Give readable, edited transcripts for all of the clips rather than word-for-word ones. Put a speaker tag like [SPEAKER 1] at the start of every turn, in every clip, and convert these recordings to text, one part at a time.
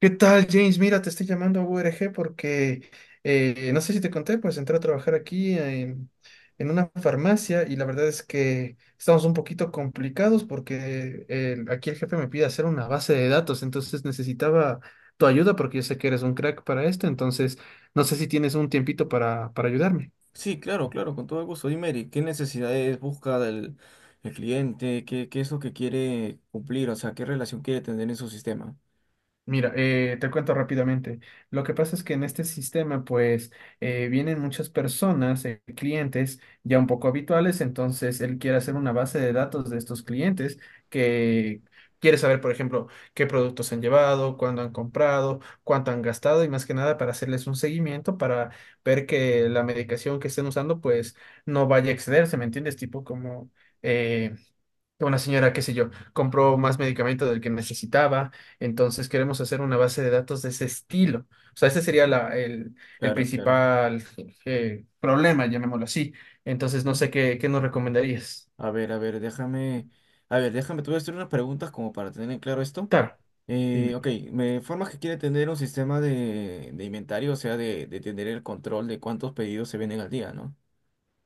[SPEAKER 1] ¿Qué tal, James? Mira, te estoy llamando a URG porque no sé si te conté, pues entré a trabajar aquí en una farmacia y la verdad es que estamos un poquito complicados porque el- aquí el jefe me pide hacer una base de datos, entonces necesitaba tu ayuda porque yo sé que eres un crack para esto, entonces no sé si tienes un tiempito para ayudarme.
[SPEAKER 2] Sí, claro, claro, con todo gusto. Dime, Eric, ¿qué necesidades busca del, el cliente? ¿Qué es lo que quiere cumplir? O sea, ¿qué relación quiere tener en su sistema?
[SPEAKER 1] Mira, te cuento rápidamente. Lo que pasa es que en este sistema, pues, vienen muchas personas, clientes ya un poco habituales, entonces él quiere hacer una base de datos de estos clientes que quiere saber, por ejemplo, qué productos han llevado, cuándo han comprado, cuánto han gastado y más que nada para hacerles un seguimiento para ver que la medicación que estén usando, pues, no vaya a excederse, ¿me entiendes? Tipo como eh, una señora, qué sé yo, compró más medicamento del que necesitaba, entonces queremos hacer una base de datos de ese estilo. O sea, ese sería la- el
[SPEAKER 2] Claro, claro.
[SPEAKER 1] principal problema, llamémoslo así. Entonces, no
[SPEAKER 2] Ujú.
[SPEAKER 1] sé qué, qué nos recomendarías.
[SPEAKER 2] A ver, déjame. A ver, déjame, te voy a hacer unas preguntas como para tener en claro esto.
[SPEAKER 1] Claro, dime.
[SPEAKER 2] Ok, me informas que quiere tener un sistema de inventario, o sea, de tener el control de cuántos pedidos se venden al día, ¿no?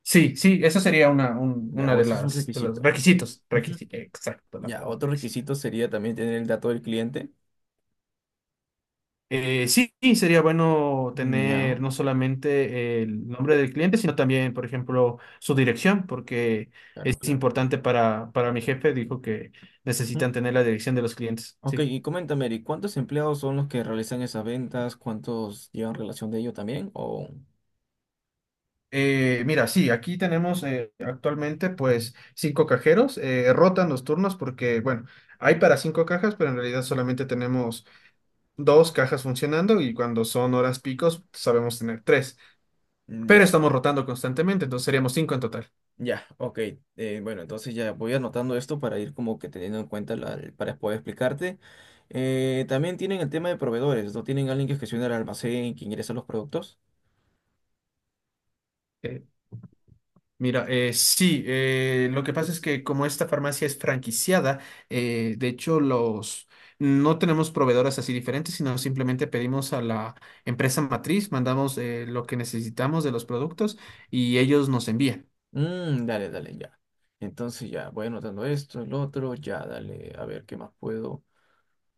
[SPEAKER 1] Sí, sí, eso sería una, un-
[SPEAKER 2] Ya,
[SPEAKER 1] una
[SPEAKER 2] o
[SPEAKER 1] de
[SPEAKER 2] ese es un
[SPEAKER 1] las, de los
[SPEAKER 2] requisito.
[SPEAKER 1] requisitos.
[SPEAKER 2] Ujú.
[SPEAKER 1] Requisi- exacto, la
[SPEAKER 2] Ya,
[SPEAKER 1] palabra
[SPEAKER 2] otro
[SPEAKER 1] requisitos.
[SPEAKER 2] requisito sería también tener el dato del cliente.
[SPEAKER 1] Sí, sí, sería bueno
[SPEAKER 2] Mm,
[SPEAKER 1] tener
[SPEAKER 2] ya,
[SPEAKER 1] no solamente el nombre del cliente, sino también, por ejemplo, su dirección, porque es
[SPEAKER 2] claro, claro.
[SPEAKER 1] importante para mi jefe, dijo que necesitan tener la dirección de los clientes.
[SPEAKER 2] Ok,
[SPEAKER 1] Sí.
[SPEAKER 2] y coméntame, Eric, ¿cuántos empleados son los que realizan esas ventas? ¿Cuántos llevan relación de ello también? O...
[SPEAKER 1] Mira, sí, aquí tenemos actualmente pues cinco cajeros, rotan los turnos porque, bueno, hay para cinco cajas, pero en realidad solamente tenemos dos cajas funcionando y cuando son horas picos sabemos tener tres,
[SPEAKER 2] Mm,
[SPEAKER 1] pero
[SPEAKER 2] ya,
[SPEAKER 1] estamos rotando constantemente, entonces seríamos cinco en total.
[SPEAKER 2] ya, ok. Bueno, entonces ya voy anotando esto para ir como que teniendo en cuenta para poder explicarte. También tienen el tema de proveedores, ¿no? Tienen alguien que gestiona el almacén, que ingresa los productos.
[SPEAKER 1] Mira, sí, lo que pasa es que como esta farmacia es franquiciada, de hecho los no tenemos proveedoras así diferentes, sino simplemente pedimos a la empresa matriz, mandamos lo que necesitamos de los productos y ellos nos envían.
[SPEAKER 2] Mm, dale, dale, ya. Entonces ya, voy anotando esto, el otro, ya, dale, a ver qué más puedo.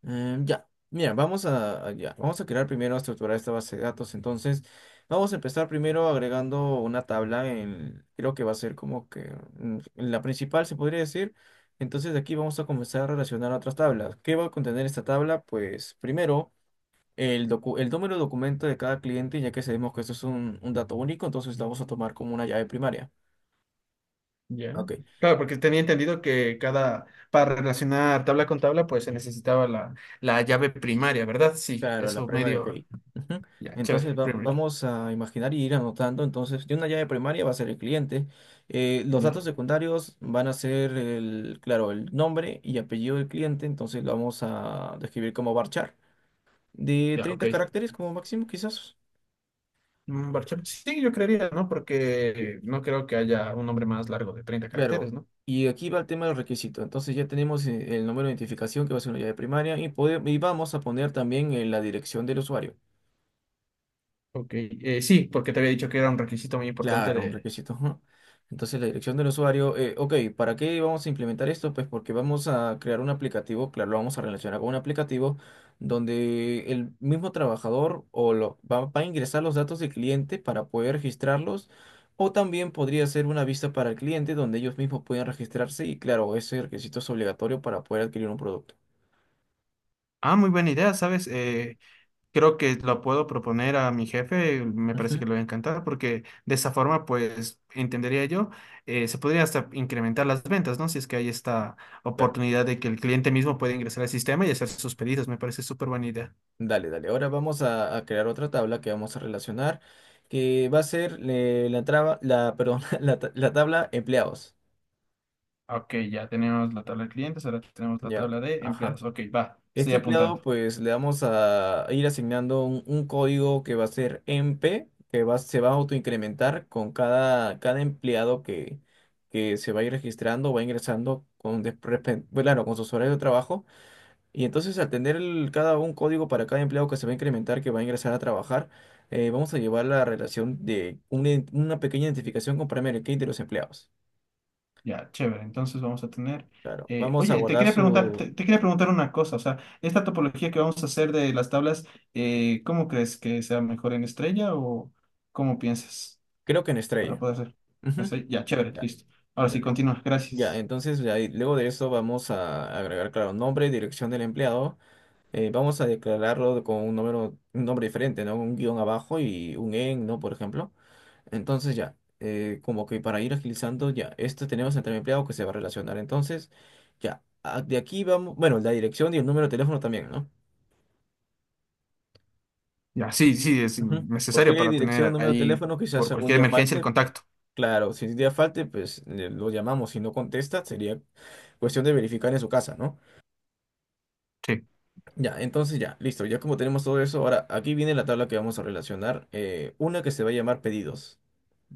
[SPEAKER 2] Ya, mira, ya, vamos a crear primero, a estructurar esta base de datos. Entonces, vamos a empezar primero agregando una tabla en, creo que va a ser como que la principal, se podría decir. Entonces, de aquí vamos a comenzar a relacionar otras tablas. ¿Qué va a contener esta tabla? Pues primero, el número de documento de cada cliente, ya que sabemos que esto es un dato único, entonces lo vamos a tomar como una llave primaria.
[SPEAKER 1] Ya.
[SPEAKER 2] Ok.
[SPEAKER 1] Claro, porque tenía entendido que cada, para relacionar tabla con tabla, pues se necesitaba la, la llave primaria, ¿verdad? Sí,
[SPEAKER 2] Claro, la
[SPEAKER 1] eso
[SPEAKER 2] primary
[SPEAKER 1] medio,
[SPEAKER 2] key. Ujú.
[SPEAKER 1] ya,
[SPEAKER 2] Entonces
[SPEAKER 1] chévere, primary key.
[SPEAKER 2] vamos a imaginar y ir anotando. Entonces, de una llave primaria va a ser el cliente. Los
[SPEAKER 1] Ya,
[SPEAKER 2] datos secundarios van a ser el, claro, el nombre y apellido del cliente. Entonces lo vamos a describir como varchar. De
[SPEAKER 1] ya, ok.
[SPEAKER 2] 30 caracteres como máximo, quizás.
[SPEAKER 1] Mm,
[SPEAKER 2] Eh,
[SPEAKER 1] Barchel, sí, yo creería, ¿no? Porque no creo que haya un nombre más largo de 30
[SPEAKER 2] Claro.
[SPEAKER 1] caracteres, ¿no?
[SPEAKER 2] Y aquí va el tema del requisito. Entonces ya tenemos el número de identificación que va a ser una llave primaria y, y vamos a poner también la dirección del usuario.
[SPEAKER 1] Ok, sí, porque te había dicho que era un requisito muy importante
[SPEAKER 2] Claro, un
[SPEAKER 1] de...
[SPEAKER 2] requisito. Ujú. Entonces, la dirección del usuario, ok, ¿para qué vamos a implementar esto? Pues porque vamos a crear un aplicativo, claro, lo vamos a relacionar con un aplicativo donde el mismo trabajador o lo, va, va a ingresar los datos del cliente para poder registrarlos, o también podría ser una vista para el cliente donde ellos mismos pueden registrarse y claro, ese requisito es obligatorio para poder adquirir un producto.
[SPEAKER 1] Ah, muy buena idea, ¿sabes? Creo que lo puedo proponer a mi jefe, me parece que
[SPEAKER 2] Ujú,
[SPEAKER 1] le va a encantar, porque de esa forma, pues, entendería yo, se podría hasta incrementar las ventas, ¿no? Si es que hay esta
[SPEAKER 2] claro.
[SPEAKER 1] oportunidad de que el cliente mismo puede ingresar al sistema y hacer sus pedidos, me parece súper buena idea.
[SPEAKER 2] Dale, dale. Ahora vamos a crear otra tabla que vamos a relacionar, que va a ser la, perdón, la tabla empleados.
[SPEAKER 1] Ok, ya tenemos la tabla de clientes, ahora tenemos la
[SPEAKER 2] Ya, ok.
[SPEAKER 1] tabla de
[SPEAKER 2] Ajá.
[SPEAKER 1] empleados. Ok, va, estoy
[SPEAKER 2] Este
[SPEAKER 1] apuntando.
[SPEAKER 2] empleado, pues le vamos a ir asignando un código que va a ser MP, que va, se va a autoincrementar con cada empleado que se va a ir registrando, va ingresando con, bueno, claro, con sus horarios de trabajo. Y entonces al tener cada un código para cada empleado que se va a incrementar, que va a ingresar a trabajar, vamos a llevar la relación de una pequeña identificación con Primary Key de los empleados.
[SPEAKER 1] Ya, chévere. Entonces vamos a tener.
[SPEAKER 2] Claro, vamos a
[SPEAKER 1] Oye, te
[SPEAKER 2] guardar
[SPEAKER 1] quería preguntar,
[SPEAKER 2] su,
[SPEAKER 1] te quería preguntar una cosa. O sea, esta topología que vamos a hacer de las tablas, ¿cómo crees que sea mejor en estrella o cómo piensas
[SPEAKER 2] creo que en
[SPEAKER 1] para
[SPEAKER 2] estrella.
[SPEAKER 1] poder hacer?
[SPEAKER 2] Ujú,
[SPEAKER 1] Estrella. Ya, chévere,
[SPEAKER 2] ya,
[SPEAKER 1] listo. Ahora sí,
[SPEAKER 2] dale.
[SPEAKER 1] continúa.
[SPEAKER 2] Ya,
[SPEAKER 1] Gracias.
[SPEAKER 2] entonces luego de eso vamos a agregar, claro, nombre, dirección del empleado. Vamos a declararlo con un número, un nombre diferente, ¿no? Un guión abajo y un en, ¿no? Por ejemplo. Entonces ya, como que para ir agilizando, ya, este tenemos entre empleado que se va a relacionar. Entonces, ya, de aquí vamos, bueno, la dirección y el número de teléfono también, ¿no?
[SPEAKER 1] Ya, sí, sí, es
[SPEAKER 2] Ujú. ¿Por
[SPEAKER 1] necesario
[SPEAKER 2] qué
[SPEAKER 1] para
[SPEAKER 2] dirección,
[SPEAKER 1] tener
[SPEAKER 2] número de
[SPEAKER 1] ahí
[SPEAKER 2] teléfono? Quizás
[SPEAKER 1] por
[SPEAKER 2] algún
[SPEAKER 1] cualquier
[SPEAKER 2] día
[SPEAKER 1] emergencia el
[SPEAKER 2] falte.
[SPEAKER 1] contacto.
[SPEAKER 2] Claro, si un día falte, pues lo llamamos. Si no contesta, sería cuestión de verificar en su casa, ¿no?
[SPEAKER 1] Sí,
[SPEAKER 2] Ya, entonces ya, listo. Ya como tenemos todo eso, ahora aquí viene la tabla que vamos a relacionar. Una que se va a llamar pedidos.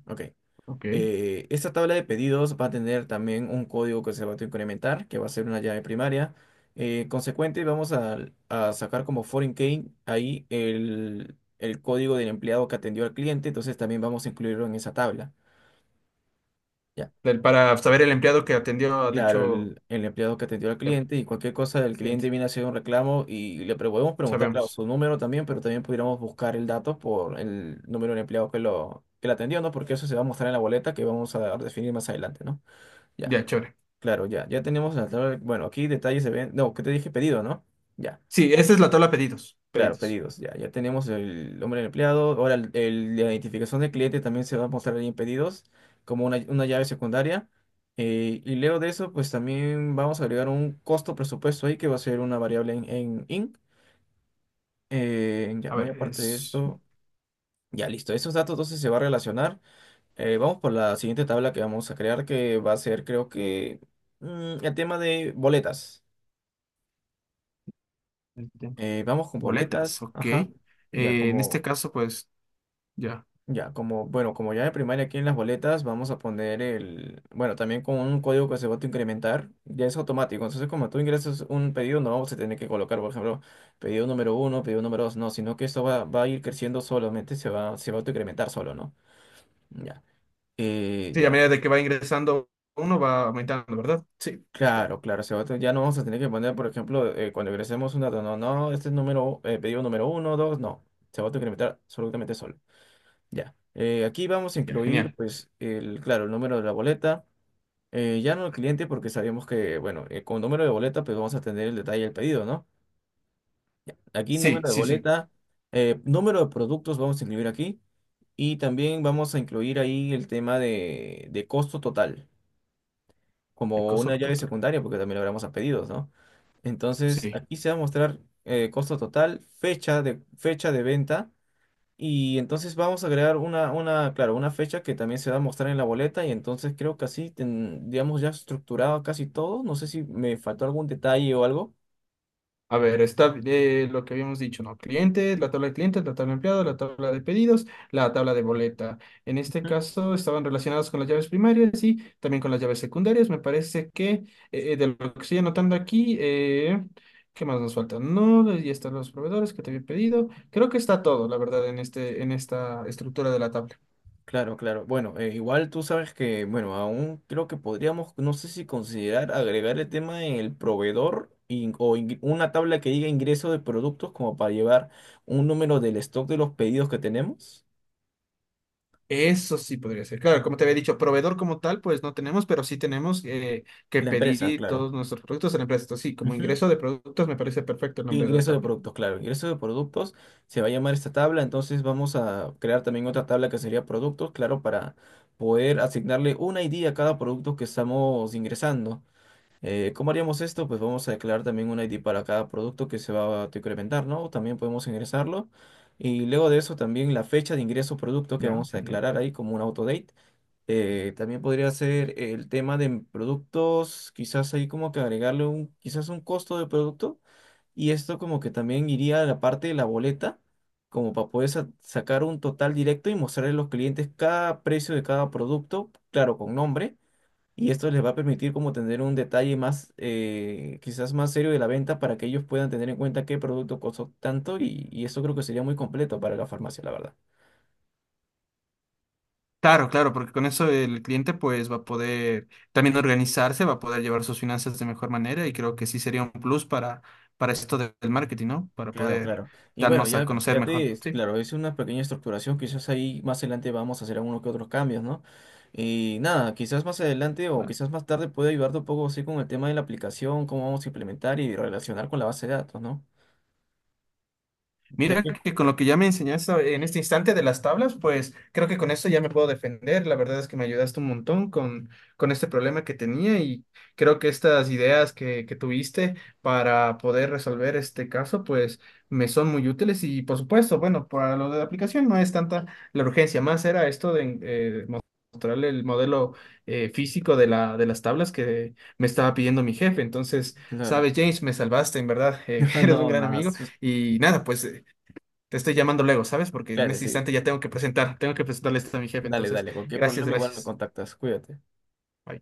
[SPEAKER 2] Ok.
[SPEAKER 1] ok.
[SPEAKER 2] Esta tabla de pedidos va a tener también un código que se va a incrementar, que va a ser una llave primaria. Consecuente, vamos a sacar como foreign key ahí el código del empleado que atendió al cliente, entonces también vamos a incluirlo en esa tabla. Ya,
[SPEAKER 1] Del- Para saber el empleado que atendió ha
[SPEAKER 2] claro,
[SPEAKER 1] dicho,
[SPEAKER 2] el empleado que atendió al
[SPEAKER 1] ya,
[SPEAKER 2] cliente y cualquier cosa del cliente
[SPEAKER 1] cliente,
[SPEAKER 2] viene a hacer un reclamo y le podemos preguntar, claro,
[SPEAKER 1] sabemos.
[SPEAKER 2] su número también, pero también pudiéramos buscar el dato por el número del empleado que lo atendió, ¿no? Porque eso se va a mostrar en la boleta que vamos a definir más adelante, ¿no? Ya.
[SPEAKER 1] Ya, chévere.
[SPEAKER 2] Claro, ya, ya tenemos la tabla. Bueno, aquí detalles se ven. No, que te dije pedido, ¿no? Ya,
[SPEAKER 1] Sí, esta es la tabla pedidos,
[SPEAKER 2] claro,
[SPEAKER 1] pedidos.
[SPEAKER 2] pedidos. Ya, ya tenemos el nombre del empleado. Ahora, la identificación del cliente también se va a mostrar ahí en pedidos, como una llave secundaria. Y luego de eso, pues también vamos a agregar un costo presupuesto ahí que va a ser una variable en INC. Ya,
[SPEAKER 1] A
[SPEAKER 2] muy
[SPEAKER 1] ver,
[SPEAKER 2] aparte de
[SPEAKER 1] es...
[SPEAKER 2] esto, ya listo. Esos datos entonces se va a relacionar. Vamos por la siguiente tabla que vamos a crear, que va a ser, creo que, el tema de boletas.
[SPEAKER 1] Este,
[SPEAKER 2] Vamos con
[SPEAKER 1] Boletas,
[SPEAKER 2] boletas,
[SPEAKER 1] ok.
[SPEAKER 2] ajá. Ya
[SPEAKER 1] En este
[SPEAKER 2] como,
[SPEAKER 1] caso, pues ya.
[SPEAKER 2] ya como, bueno, como ya de primaria aquí en las boletas, vamos a poner el, bueno, también con un código que se va a incrementar, ya es automático. Entonces, como tú ingresas un pedido, no vamos a tener que colocar, por ejemplo, pedido número uno, pedido número dos, no, sino que esto va, va a ir creciendo solamente, se va a autoincrementar solo, ¿no? Ya. Eh,
[SPEAKER 1] Sí, a
[SPEAKER 2] ya,
[SPEAKER 1] medida de que va ingresando uno, va aumentando, ¿verdad? Sí, ya,
[SPEAKER 2] claro, claro, se va ya no vamos a tener que poner, por ejemplo, cuando ingresemos un dato, no, no, este es número, pedido número uno, dos, no, se va a autoincrementar absolutamente solo. Ya. Aquí vamos a
[SPEAKER 1] ya,
[SPEAKER 2] incluir,
[SPEAKER 1] genial.
[SPEAKER 2] pues, el, claro, el número de la boleta. Ya no el cliente, porque sabemos que, bueno, con número de boleta, pues vamos a tener el detalle del pedido, ¿no? Aquí,
[SPEAKER 1] Sí,
[SPEAKER 2] número de
[SPEAKER 1] sí, sí.
[SPEAKER 2] boleta, número de productos vamos a incluir aquí. Y también vamos a incluir ahí el tema de costo total,
[SPEAKER 1] El
[SPEAKER 2] como
[SPEAKER 1] costo
[SPEAKER 2] una llave
[SPEAKER 1] total.
[SPEAKER 2] secundaria, porque también lo hablamos a pedidos, ¿no? Entonces,
[SPEAKER 1] Sí.
[SPEAKER 2] aquí se va a mostrar costo total, fecha de venta. Y entonces vamos a agregar una, claro, una fecha que también se va a mostrar en la boleta y entonces creo que así, digamos, ya estructurado casi todo. No sé si me faltó algún detalle o algo.
[SPEAKER 1] A ver, está lo que habíamos dicho, ¿no? Clientes, la tabla de clientes, la tabla de empleados, la tabla de pedidos, la tabla de boleta. En este
[SPEAKER 2] Ujú.
[SPEAKER 1] caso estaban relacionados con las llaves primarias y también con las llaves secundarias. Me parece que de lo que estoy anotando aquí, ¿qué más nos falta? No, y están los proveedores que te había pedido. Creo que está todo, la verdad, en este, en esta estructura de la tabla.
[SPEAKER 2] Claro, claro. Bueno, igual tú sabes que, bueno, aún creo que podríamos, no sé si considerar agregar el tema del proveedor una tabla que diga ingreso de productos como para llevar un número del stock de los pedidos que tenemos.
[SPEAKER 1] Eso sí podría ser. Claro, como te había dicho, proveedor como tal, pues no tenemos, pero sí tenemos que
[SPEAKER 2] La empresa,
[SPEAKER 1] pedir
[SPEAKER 2] claro.
[SPEAKER 1] todos nuestros productos en la empresa. Entonces, sí, como ingreso de productos me parece perfecto el
[SPEAKER 2] De
[SPEAKER 1] nombre de la
[SPEAKER 2] ingreso de
[SPEAKER 1] tabla.
[SPEAKER 2] productos, claro. Ingreso de productos se va a llamar esta tabla. Entonces vamos a crear también otra tabla que sería productos, claro, para poder asignarle un ID a cada producto que estamos ingresando. ¿Cómo haríamos esto? Pues vamos a declarar también un ID para cada producto que se va a incrementar, ¿no? También podemos ingresarlo. Y luego de eso también la fecha de ingreso producto que
[SPEAKER 1] Ya,
[SPEAKER 2] vamos a
[SPEAKER 1] genial.
[SPEAKER 2] declarar ahí como un autodate. También podría ser el tema de productos, quizás ahí como que agregarle un, quizás un costo de producto. Y esto como que también iría a la parte de la boleta, como para poder sacar un total directo y mostrarle a los clientes cada precio de cada producto, claro, con nombre. Y esto les va a permitir como tener un detalle más, quizás más serio de la venta para que ellos puedan tener en cuenta qué producto costó tanto y eso creo que sería muy completo para la farmacia, la verdad.
[SPEAKER 1] Claro, claro, porque con eso el cliente pues va a poder también organizarse, va a poder llevar sus finanzas de mejor manera y creo que sí sería un plus para esto de- del marketing, ¿no? Para
[SPEAKER 2] Claro,
[SPEAKER 1] poder
[SPEAKER 2] claro. Y bueno,
[SPEAKER 1] darnos a
[SPEAKER 2] ya,
[SPEAKER 1] conocer
[SPEAKER 2] ya
[SPEAKER 1] mejor.
[SPEAKER 2] te,
[SPEAKER 1] Sí.
[SPEAKER 2] claro, es una pequeña estructuración, quizás ahí más adelante vamos a hacer algunos que otros cambios, ¿no? Y nada, quizás más adelante o quizás más tarde puede ayudarte un poco así con el tema de la aplicación, cómo vamos a implementar y relacionar con la base de datos, ¿no? Ya
[SPEAKER 1] Mira
[SPEAKER 2] que,
[SPEAKER 1] que con lo que ya me enseñaste en este instante de las tablas, pues creo que con esto ya me puedo defender. La verdad es que me ayudaste un montón con este problema que tenía y creo que estas ideas que tuviste para poder resolver este caso, pues me son muy útiles y por supuesto, bueno, para lo de la aplicación no es tanta la urgencia, más era esto de mostrarle el modelo físico de la, de las tablas que me estaba pidiendo mi jefe. Entonces,
[SPEAKER 2] claro,
[SPEAKER 1] sabes, James, me salvaste, en verdad, eres un
[SPEAKER 2] no,
[SPEAKER 1] gran
[SPEAKER 2] nada,
[SPEAKER 1] amigo.
[SPEAKER 2] sus-
[SPEAKER 1] Y nada, pues te estoy llamando luego, ¿sabes? Porque en
[SPEAKER 2] claro,
[SPEAKER 1] este
[SPEAKER 2] sí.
[SPEAKER 1] instante ya tengo que presentar, tengo que presentarle esto a mi jefe.
[SPEAKER 2] Dale,
[SPEAKER 1] Entonces,
[SPEAKER 2] dale, cualquier
[SPEAKER 1] gracias,
[SPEAKER 2] problema igual me
[SPEAKER 1] gracias.
[SPEAKER 2] contactas, cuídate.
[SPEAKER 1] Bye.